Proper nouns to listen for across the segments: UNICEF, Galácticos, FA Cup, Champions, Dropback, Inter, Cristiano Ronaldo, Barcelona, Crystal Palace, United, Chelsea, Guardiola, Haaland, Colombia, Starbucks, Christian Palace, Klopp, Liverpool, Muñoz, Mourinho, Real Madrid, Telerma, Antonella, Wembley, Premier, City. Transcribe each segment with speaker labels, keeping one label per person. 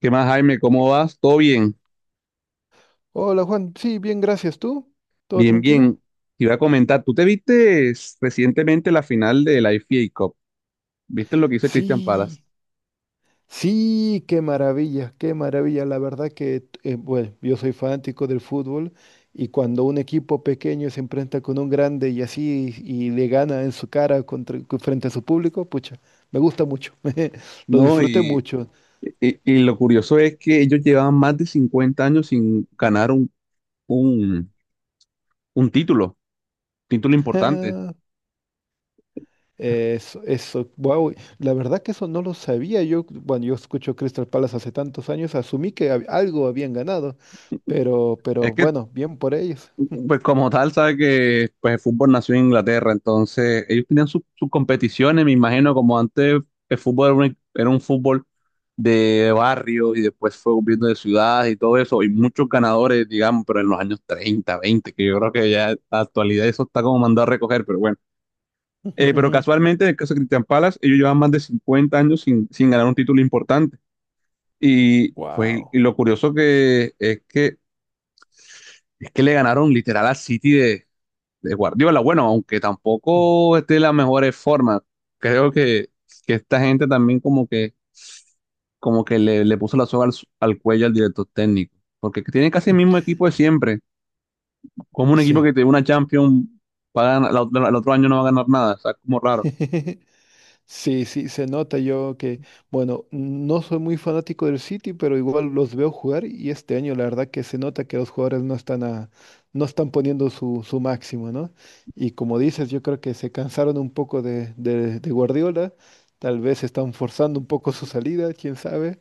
Speaker 1: ¿Qué más, Jaime? ¿Cómo vas? ¿Todo bien?
Speaker 2: Hola Juan, sí, bien, gracias. ¿Tú? ¿Todo
Speaker 1: Bien,
Speaker 2: tranquilo?
Speaker 1: bien. Te iba a comentar, ¿tú te viste recientemente la final de la FA Cup? ¿Viste lo que hizo Christian Palace?
Speaker 2: Sí, sí, qué maravilla, qué maravilla. La verdad que, bueno, yo soy fanático del fútbol y cuando un equipo pequeño se enfrenta con un grande y así y le gana en su cara frente a su público, pucha, me gusta mucho, lo
Speaker 1: No,
Speaker 2: disfruté
Speaker 1: y,
Speaker 2: mucho.
Speaker 1: y- y lo curioso es que ellos llevaban más de 50 años sin ganar un, un título importante.
Speaker 2: Eso, wow, la verdad que eso no lo sabía. Yo, bueno, yo escucho Crystal Palace hace tantos años, asumí que algo habían ganado,
Speaker 1: Es
Speaker 2: pero
Speaker 1: que
Speaker 2: bueno, bien por ellos.
Speaker 1: Pues como tal, sabe que pues, el fútbol nació en Inglaterra, entonces ellos tenían sus competiciones, me imagino, como antes el fútbol era un fútbol de barrio y después fue volviendo de ciudades y todo eso, y muchos ganadores, digamos, pero en los años 30, 20, que yo creo que ya en la actualidad eso está como mandado a recoger, pero bueno. Pero casualmente, en el caso de Cristian Palace, ellos llevan más de 50 años sin ganar un título importante. Y, pues,
Speaker 2: Wow.
Speaker 1: y lo curioso es que le ganaron literal a City de Guardiola. Bueno, aunque tampoco esté de las mejores formas, creo que esta gente también como que le puso la soga al cuello al director técnico, porque tiene casi el mismo equipo de siempre, como un equipo
Speaker 2: Sí.
Speaker 1: que tiene una Champions, el otro año no va a ganar nada. O sea, como raro.
Speaker 2: Sí, sí, se nota yo que, bueno, no soy muy fanático del City, pero igual los veo jugar y este año la verdad que se nota que los jugadores no están poniendo su máximo, ¿no? Y como dices, yo creo que se cansaron un poco de Guardiola, tal vez están forzando un poco su salida, quién sabe,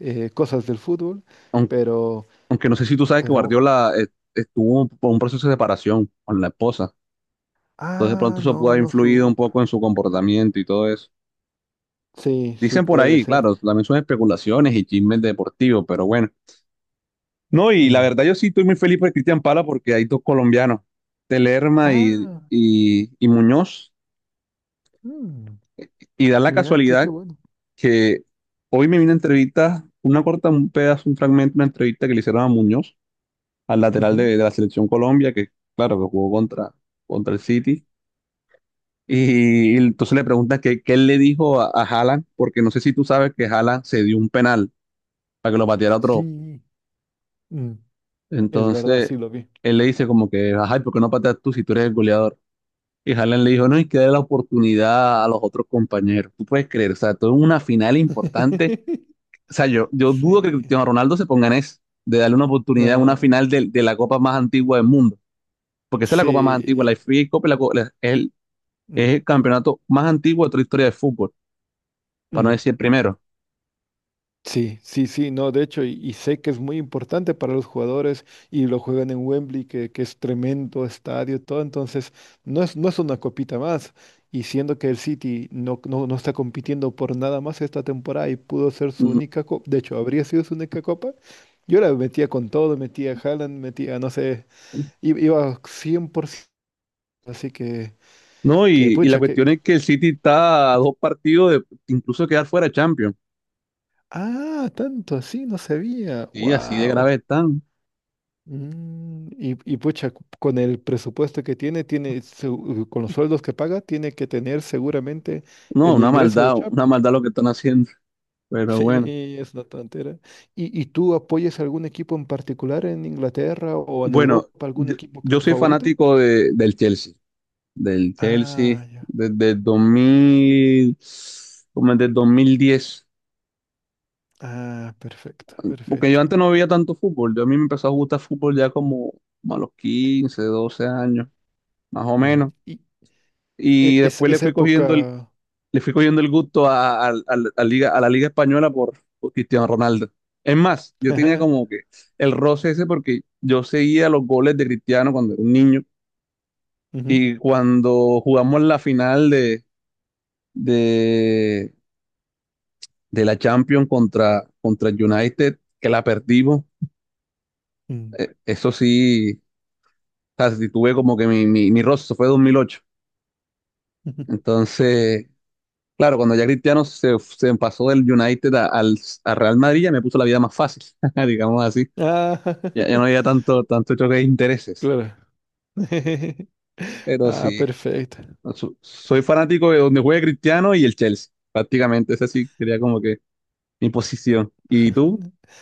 Speaker 2: cosas del fútbol,
Speaker 1: Aunque,
Speaker 2: pero,
Speaker 1: aunque, no sé si tú sabes que
Speaker 2: pero,
Speaker 1: Guardiola estuvo por un proceso de separación con la esposa, entonces de
Speaker 2: ah,
Speaker 1: pronto eso puede
Speaker 2: no,
Speaker 1: haber
Speaker 2: no
Speaker 1: influido un
Speaker 2: sub.
Speaker 1: poco en su comportamiento y todo eso.
Speaker 2: Sí, sí
Speaker 1: Dicen por
Speaker 2: puede
Speaker 1: ahí,
Speaker 2: ser.
Speaker 1: claro, también son especulaciones y chismes deportivos, pero bueno. No, y la
Speaker 2: Mm.
Speaker 1: verdad yo sí estoy muy feliz por Cristian Pala, porque hay dos colombianos, Telerma y,
Speaker 2: Ah,
Speaker 1: y, y Muñoz,
Speaker 2: mm,
Speaker 1: y da la
Speaker 2: mira, qué, qué
Speaker 1: casualidad
Speaker 2: bueno.
Speaker 1: que hoy me vino una entrevista, una corta, un pedazo, un fragmento, una entrevista que le hicieron a Muñoz, al lateral de la selección Colombia, que claro, que jugó contra el City. Y entonces le pregunta que qué él le dijo a Haaland, porque no sé si tú sabes que Haaland se dio un penal para que lo pateara otro.
Speaker 2: Sí, mm, es verdad,
Speaker 1: Entonces
Speaker 2: sí lo vi.
Speaker 1: él le dice como que, ajá, y ¿por qué no pateas tú si tú eres el goleador? Y Haaland le dijo, no, hay que darle la oportunidad a los otros compañeros. ¿Tú puedes creer? O sea, todo es una final importante. O sea, yo dudo que
Speaker 2: Sí,
Speaker 1: Cristiano Ronaldo se ponga en eso, de darle una oportunidad a una
Speaker 2: no,
Speaker 1: final de la copa más antigua del mundo. Porque esa es la copa más antigua.
Speaker 2: sí,
Speaker 1: La FA Cup es, es el,
Speaker 2: mm,
Speaker 1: es el campeonato más antiguo de toda la historia del fútbol, para no
Speaker 2: mm,
Speaker 1: decir el primero.
Speaker 2: sí, sí, sí, no, de hecho, y sé que es muy importante para los jugadores y lo juegan en Wembley, que es tremendo estadio, todo, entonces no es, no es una copita más. Y siendo que el City no, no, no está compitiendo por nada más esta temporada y pudo ser su
Speaker 1: Mm.
Speaker 2: única copa, de hecho, habría sido su única copa, yo la metía con todo, metía a Haaland, metía, no sé, iba 100%. Así
Speaker 1: No,
Speaker 2: que
Speaker 1: y la
Speaker 2: pucha, que...
Speaker 1: cuestión es que el City está a dos partidos de incluso quedar fuera de Champions.
Speaker 2: Ah, tanto así, no sabía.
Speaker 1: Y así de
Speaker 2: Wow.
Speaker 1: grave están.
Speaker 2: Y, y pucha, con el presupuesto que tiene, tiene con los sueldos que paga, tiene que tener seguramente
Speaker 1: No,
Speaker 2: el ingreso de
Speaker 1: una
Speaker 2: Champions.
Speaker 1: maldad lo que están haciendo. Pero bueno.
Speaker 2: Sí, es una tontera. Y tú apoyas algún equipo en particular en Inglaterra o en Europa,
Speaker 1: Bueno,
Speaker 2: algún
Speaker 1: yo,
Speaker 2: equipo que
Speaker 1: yo
Speaker 2: es tu
Speaker 1: soy
Speaker 2: favorito?
Speaker 1: fanático del Chelsea, del Chelsea
Speaker 2: Ah, ya.
Speaker 1: desde el 2000, como desde el 2010,
Speaker 2: Ah, perfecto,
Speaker 1: porque yo
Speaker 2: perfecto.
Speaker 1: antes no veía tanto fútbol. Yo a mí me empezó a gustar fútbol ya como a los 15, 12 años, más o
Speaker 2: Mm.
Speaker 1: menos.
Speaker 2: Y
Speaker 1: Y
Speaker 2: es,
Speaker 1: después
Speaker 2: esa época...
Speaker 1: le fui cogiendo el gusto a Liga, a la Liga Española por Cristiano Ronaldo. Es más, yo tenía como que el roce ese porque yo seguía los goles de Cristiano cuando era un niño.
Speaker 2: Ujú,
Speaker 1: Y cuando jugamos la final de, de la Champions contra el United, que la perdimos,
Speaker 2: mm.
Speaker 1: eso sí, o sea, sí tuve como que mi roce. Eso fue 2008. Entonces, claro, cuando ya Cristiano se pasó del United a Real Madrid, ya me puso la vida más fácil, digamos así.
Speaker 2: Ah,
Speaker 1: Ya no había tanto choque de intereses.
Speaker 2: claro.
Speaker 1: Pero
Speaker 2: Ah,
Speaker 1: sí,
Speaker 2: perfecto.
Speaker 1: no, soy fanático de donde juegue Cristiano y el Chelsea. Prácticamente, esa sí sería como que mi posición. ¿Y tú?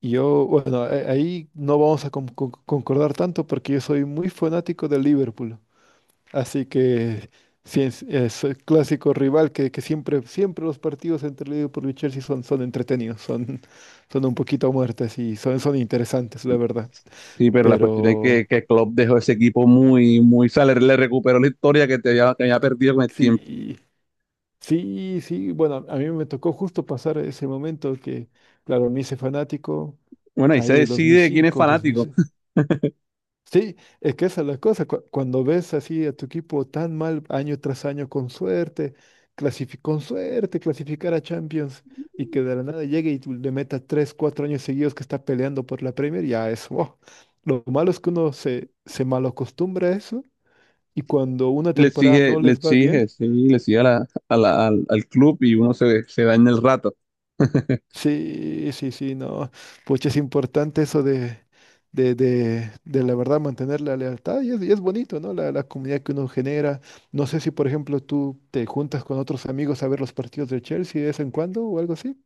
Speaker 2: Yo, bueno, ahí no vamos a concordar tanto porque yo soy muy fanático del Liverpool. Así que sí, es el clásico rival que siempre, siempre los partidos entre Liverpool y Chelsea son, son entretenidos, son, son un poquito muertes y son, son interesantes, la verdad.
Speaker 1: Sí, pero la cuestión es que,
Speaker 2: Pero
Speaker 1: que Klopp dejó ese equipo muy, muy, o sea, le recuperó la historia que había perdido con el tiempo.
Speaker 2: sí. Sí, sí, bueno, a mí me tocó justo pasar ese momento que, claro, me hice fanático,
Speaker 1: Bueno, ahí se
Speaker 2: ahí el
Speaker 1: decide quién es
Speaker 2: 2005,
Speaker 1: fanático.
Speaker 2: 2006. Sí, es que esa es la cosa, cuando ves así a tu equipo tan mal año tras año con suerte, con suerte clasificar a Champions y que de la nada llegue y tú le meta tres, cuatro años seguidos que está peleando por la Premier, ya es, wow. Lo malo es que uno se malacostumbra a eso y cuando una
Speaker 1: Le
Speaker 2: temporada
Speaker 1: exige,
Speaker 2: no
Speaker 1: le
Speaker 2: les va bien,
Speaker 1: exige, sí, le exige al club y uno se da en el rato.
Speaker 2: sí, sí, sí, no. Pues es importante eso de la verdad mantener la lealtad y es bonito, ¿no? La comunidad que uno genera. No sé si, por ejemplo, tú te juntas con otros amigos a ver los partidos de Chelsea de vez en cuando o algo así.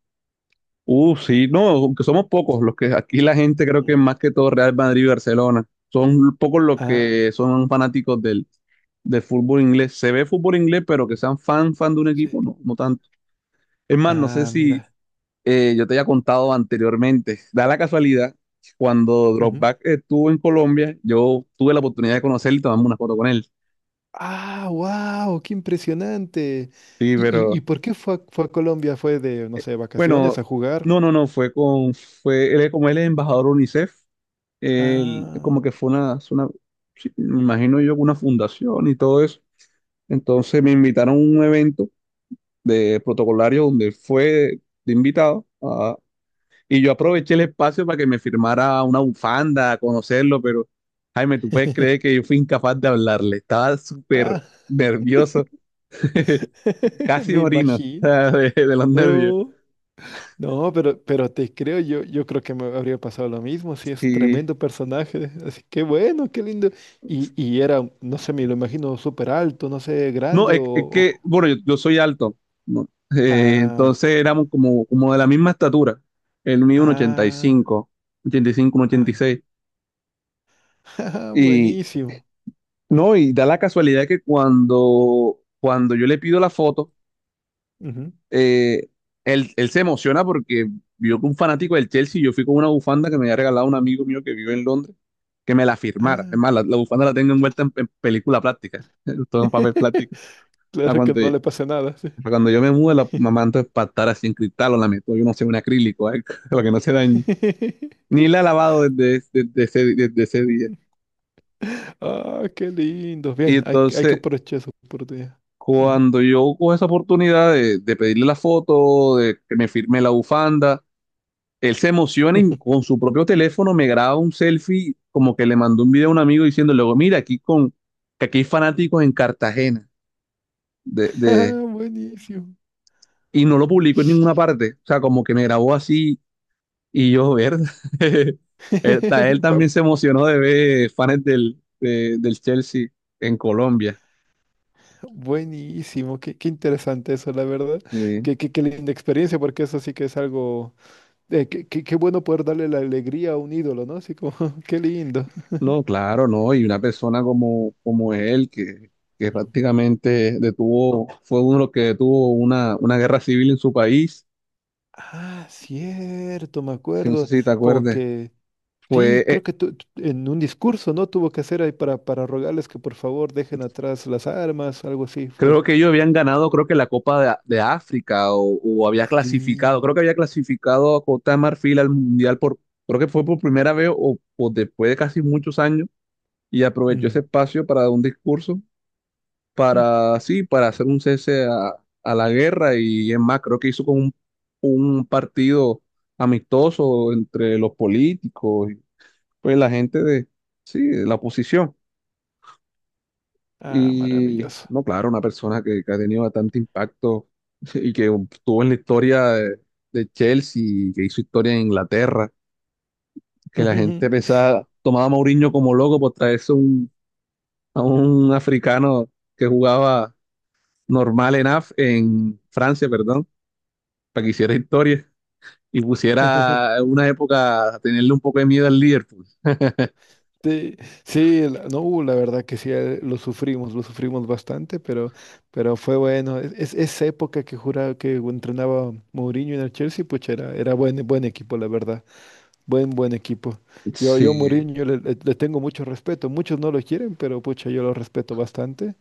Speaker 1: Sí, no, aunque somos pocos los que aquí la gente creo que
Speaker 2: Mm.
Speaker 1: más que todo Real Madrid y Barcelona. Son pocos los
Speaker 2: Ah.
Speaker 1: que son fanáticos del fútbol inglés. Se ve fútbol inglés, pero que sean fan de un equipo,
Speaker 2: Sí.
Speaker 1: no, no tanto. Es más, no sé
Speaker 2: Ah,
Speaker 1: si
Speaker 2: mira.
Speaker 1: yo te había contado anteriormente, da la casualidad, cuando
Speaker 2: Ujú.
Speaker 1: Dropback estuvo en Colombia, yo tuve la
Speaker 2: Mm.
Speaker 1: oportunidad de conocerlo y tomarme una foto con él.
Speaker 2: Ah, wow, qué impresionante.
Speaker 1: Sí,
Speaker 2: Y
Speaker 1: pero
Speaker 2: por qué fue, fue a Colombia? ¿Fue de, no sé,
Speaker 1: bueno,
Speaker 2: vacaciones a jugar?
Speaker 1: no, no, no, como él es embajador UNICEF. Él
Speaker 2: Ah,
Speaker 1: como que es una, sí, me imagino yo, una fundación y todo eso. Entonces me invitaron a un evento de protocolario donde fue de invitado. Y yo aproveché el espacio para que me firmara una bufanda, a conocerlo, pero, Jaime, ¿tú puedes creer que yo fui incapaz de hablarle? Estaba súper
Speaker 2: ah,
Speaker 1: nervioso, casi
Speaker 2: me
Speaker 1: morino, o
Speaker 2: imagino.
Speaker 1: sea, de los nervios.
Speaker 2: No, no, pero te creo, yo creo que me habría pasado lo mismo, sí, es
Speaker 1: Y
Speaker 2: tremendo personaje, así que bueno, qué lindo. Y era, no sé, me lo imagino súper alto, no sé,
Speaker 1: no,
Speaker 2: grande o...
Speaker 1: bueno, yo soy alto, ¿no?
Speaker 2: ah,
Speaker 1: Entonces éramos como de la misma estatura. Él mide un
Speaker 2: ah,
Speaker 1: 85, 85, un
Speaker 2: ah,
Speaker 1: 86.
Speaker 2: jaja,
Speaker 1: Y seis. Y
Speaker 2: buenísimo.
Speaker 1: no, y da la casualidad que cuando yo le pido la foto,
Speaker 2: Ujú,
Speaker 1: eh, él se emociona porque vio que un fanático del Chelsea, yo fui con una bufanda que me había regalado un amigo mío que vive en Londres, que me la firmara. Es
Speaker 2: ah.
Speaker 1: más, la bufanda la tengo envuelta en película plástica, todo en papel plástico. Para
Speaker 2: Claro que
Speaker 1: cuando,
Speaker 2: no le pasa nada. Sí.
Speaker 1: para cuando yo me mude, la mamá, entonces, para estar así en cristal, o la meto, yo no sé, un acrílico, algo, para que no se dañe. Ni la he lavado desde, desde ese día.
Speaker 2: Ah, qué lindo.
Speaker 1: Y
Speaker 2: Bien, hay, hay que
Speaker 1: entonces,
Speaker 2: aprovechar esa oportunidad. Ujú.
Speaker 1: cuando yo cojo esa oportunidad de pedirle la foto, de que me firme la bufanda, él se emociona y con su propio teléfono me graba un selfie, como que le mandó un video a un amigo diciendo, luego, mira, que aquí hay fanáticos en Cartagena, de, de,
Speaker 2: Ah, buenísimo.
Speaker 1: y no lo publicó en ninguna parte. O sea, como que me grabó así y yo, ver, él, él
Speaker 2: Pa-
Speaker 1: también se emocionó de ver fans del Chelsea en Colombia.
Speaker 2: Buenísimo, qué, qué interesante eso, la verdad.
Speaker 1: Sí.
Speaker 2: Qué, qué, qué linda experiencia, porque eso sí que es algo... qué, qué bueno poder darle la alegría a un ídolo, ¿no? Así como, qué lindo.
Speaker 1: No, claro, no. Y una persona como él, que
Speaker 2: Mm.
Speaker 1: prácticamente detuvo, fue uno de los que detuvo una guerra civil en su país.
Speaker 2: Ah, cierto, me
Speaker 1: Si no, sé
Speaker 2: acuerdo.
Speaker 1: si te
Speaker 2: Como
Speaker 1: acuerdes,
Speaker 2: que,
Speaker 1: fue,
Speaker 2: sí, creo
Speaker 1: eh,
Speaker 2: que en un discurso, ¿no? Tuvo que hacer ahí para rogarles que por favor dejen atrás las armas, algo así fue.
Speaker 1: creo que ellos habían ganado, creo que la Copa de África, o había clasificado,
Speaker 2: Sí.
Speaker 1: creo que había clasificado a Costa de Marfil al Mundial creo que fue por primera vez, o después de casi muchos años. Y aprovechó ese
Speaker 2: Mm.
Speaker 1: espacio para dar un discurso, para, sí, para hacer un cese a la guerra. Y es más, creo que hizo con un partido amistoso entre los políticos y pues la gente de, sí, de la oposición.
Speaker 2: Ah,
Speaker 1: Y
Speaker 2: maravilloso.
Speaker 1: no, claro, una persona que ha tenido bastante impacto, y que estuvo en la historia de Chelsea, que hizo historia en Inglaterra, que la gente pensaba, tomaba a Mourinho como loco por traerse a un africano que jugaba normal en Francia, perdón, para que hiciera historia y pusiera en una época a tenerle un poco de miedo al Liverpool.
Speaker 2: Sí, sí, no, la verdad que sí, lo sufrimos bastante, pero fue bueno. Es, esa época que juraba que entrenaba Mourinho en el Chelsea, pues era, era buen, buen equipo, la verdad. Buen, buen equipo. Yo a
Speaker 1: Sí,
Speaker 2: Mourinho le, le tengo mucho respeto. Muchos no lo quieren, pero pucha, yo lo respeto bastante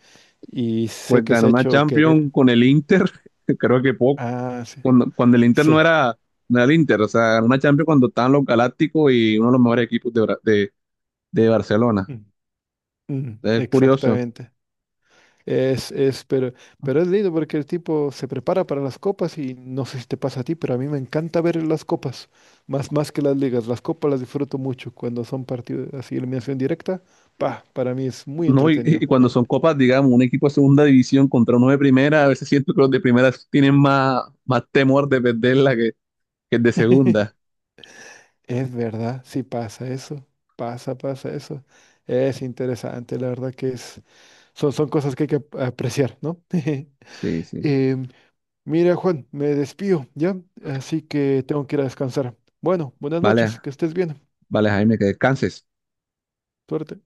Speaker 2: y sé
Speaker 1: pues
Speaker 2: que
Speaker 1: ganó
Speaker 2: se ha
Speaker 1: una
Speaker 2: hecho querer.
Speaker 1: Champions con el Inter, creo que poco.
Speaker 2: Ah, sí,
Speaker 1: Cuando el Inter no
Speaker 2: sí.
Speaker 1: era, no era el Inter, o sea, ganó una Champions cuando estaban los Galácticos y uno de los mejores equipos de Barcelona.
Speaker 2: Mm, mm,
Speaker 1: Es curioso,
Speaker 2: exactamente. Es, pero es lindo porque el tipo se prepara para las copas y no sé si te pasa a ti, pero a mí me encanta ver las copas, más, más que las ligas. Las copas las disfruto mucho cuando son partidos así, eliminación directa. Pa, para mí es muy
Speaker 1: ¿no? Y,
Speaker 2: entretenido.
Speaker 1: y cuando son copas, digamos, un equipo de segunda división contra uno de primera, a veces siento que los de primera tienen más, más temor de perderla que el de segunda.
Speaker 2: Es verdad, sí pasa eso, pasa, pasa eso. Es interesante, la verdad que es, son, son cosas que hay que apreciar, ¿no?
Speaker 1: Sí, sí.
Speaker 2: Em, mira, Juan, me despido, ¿ya? Así que tengo que ir a descansar. Bueno, buenas
Speaker 1: Vale,
Speaker 2: noches, que estés bien.
Speaker 1: vale, Jaime, que descanses.
Speaker 2: Suerte.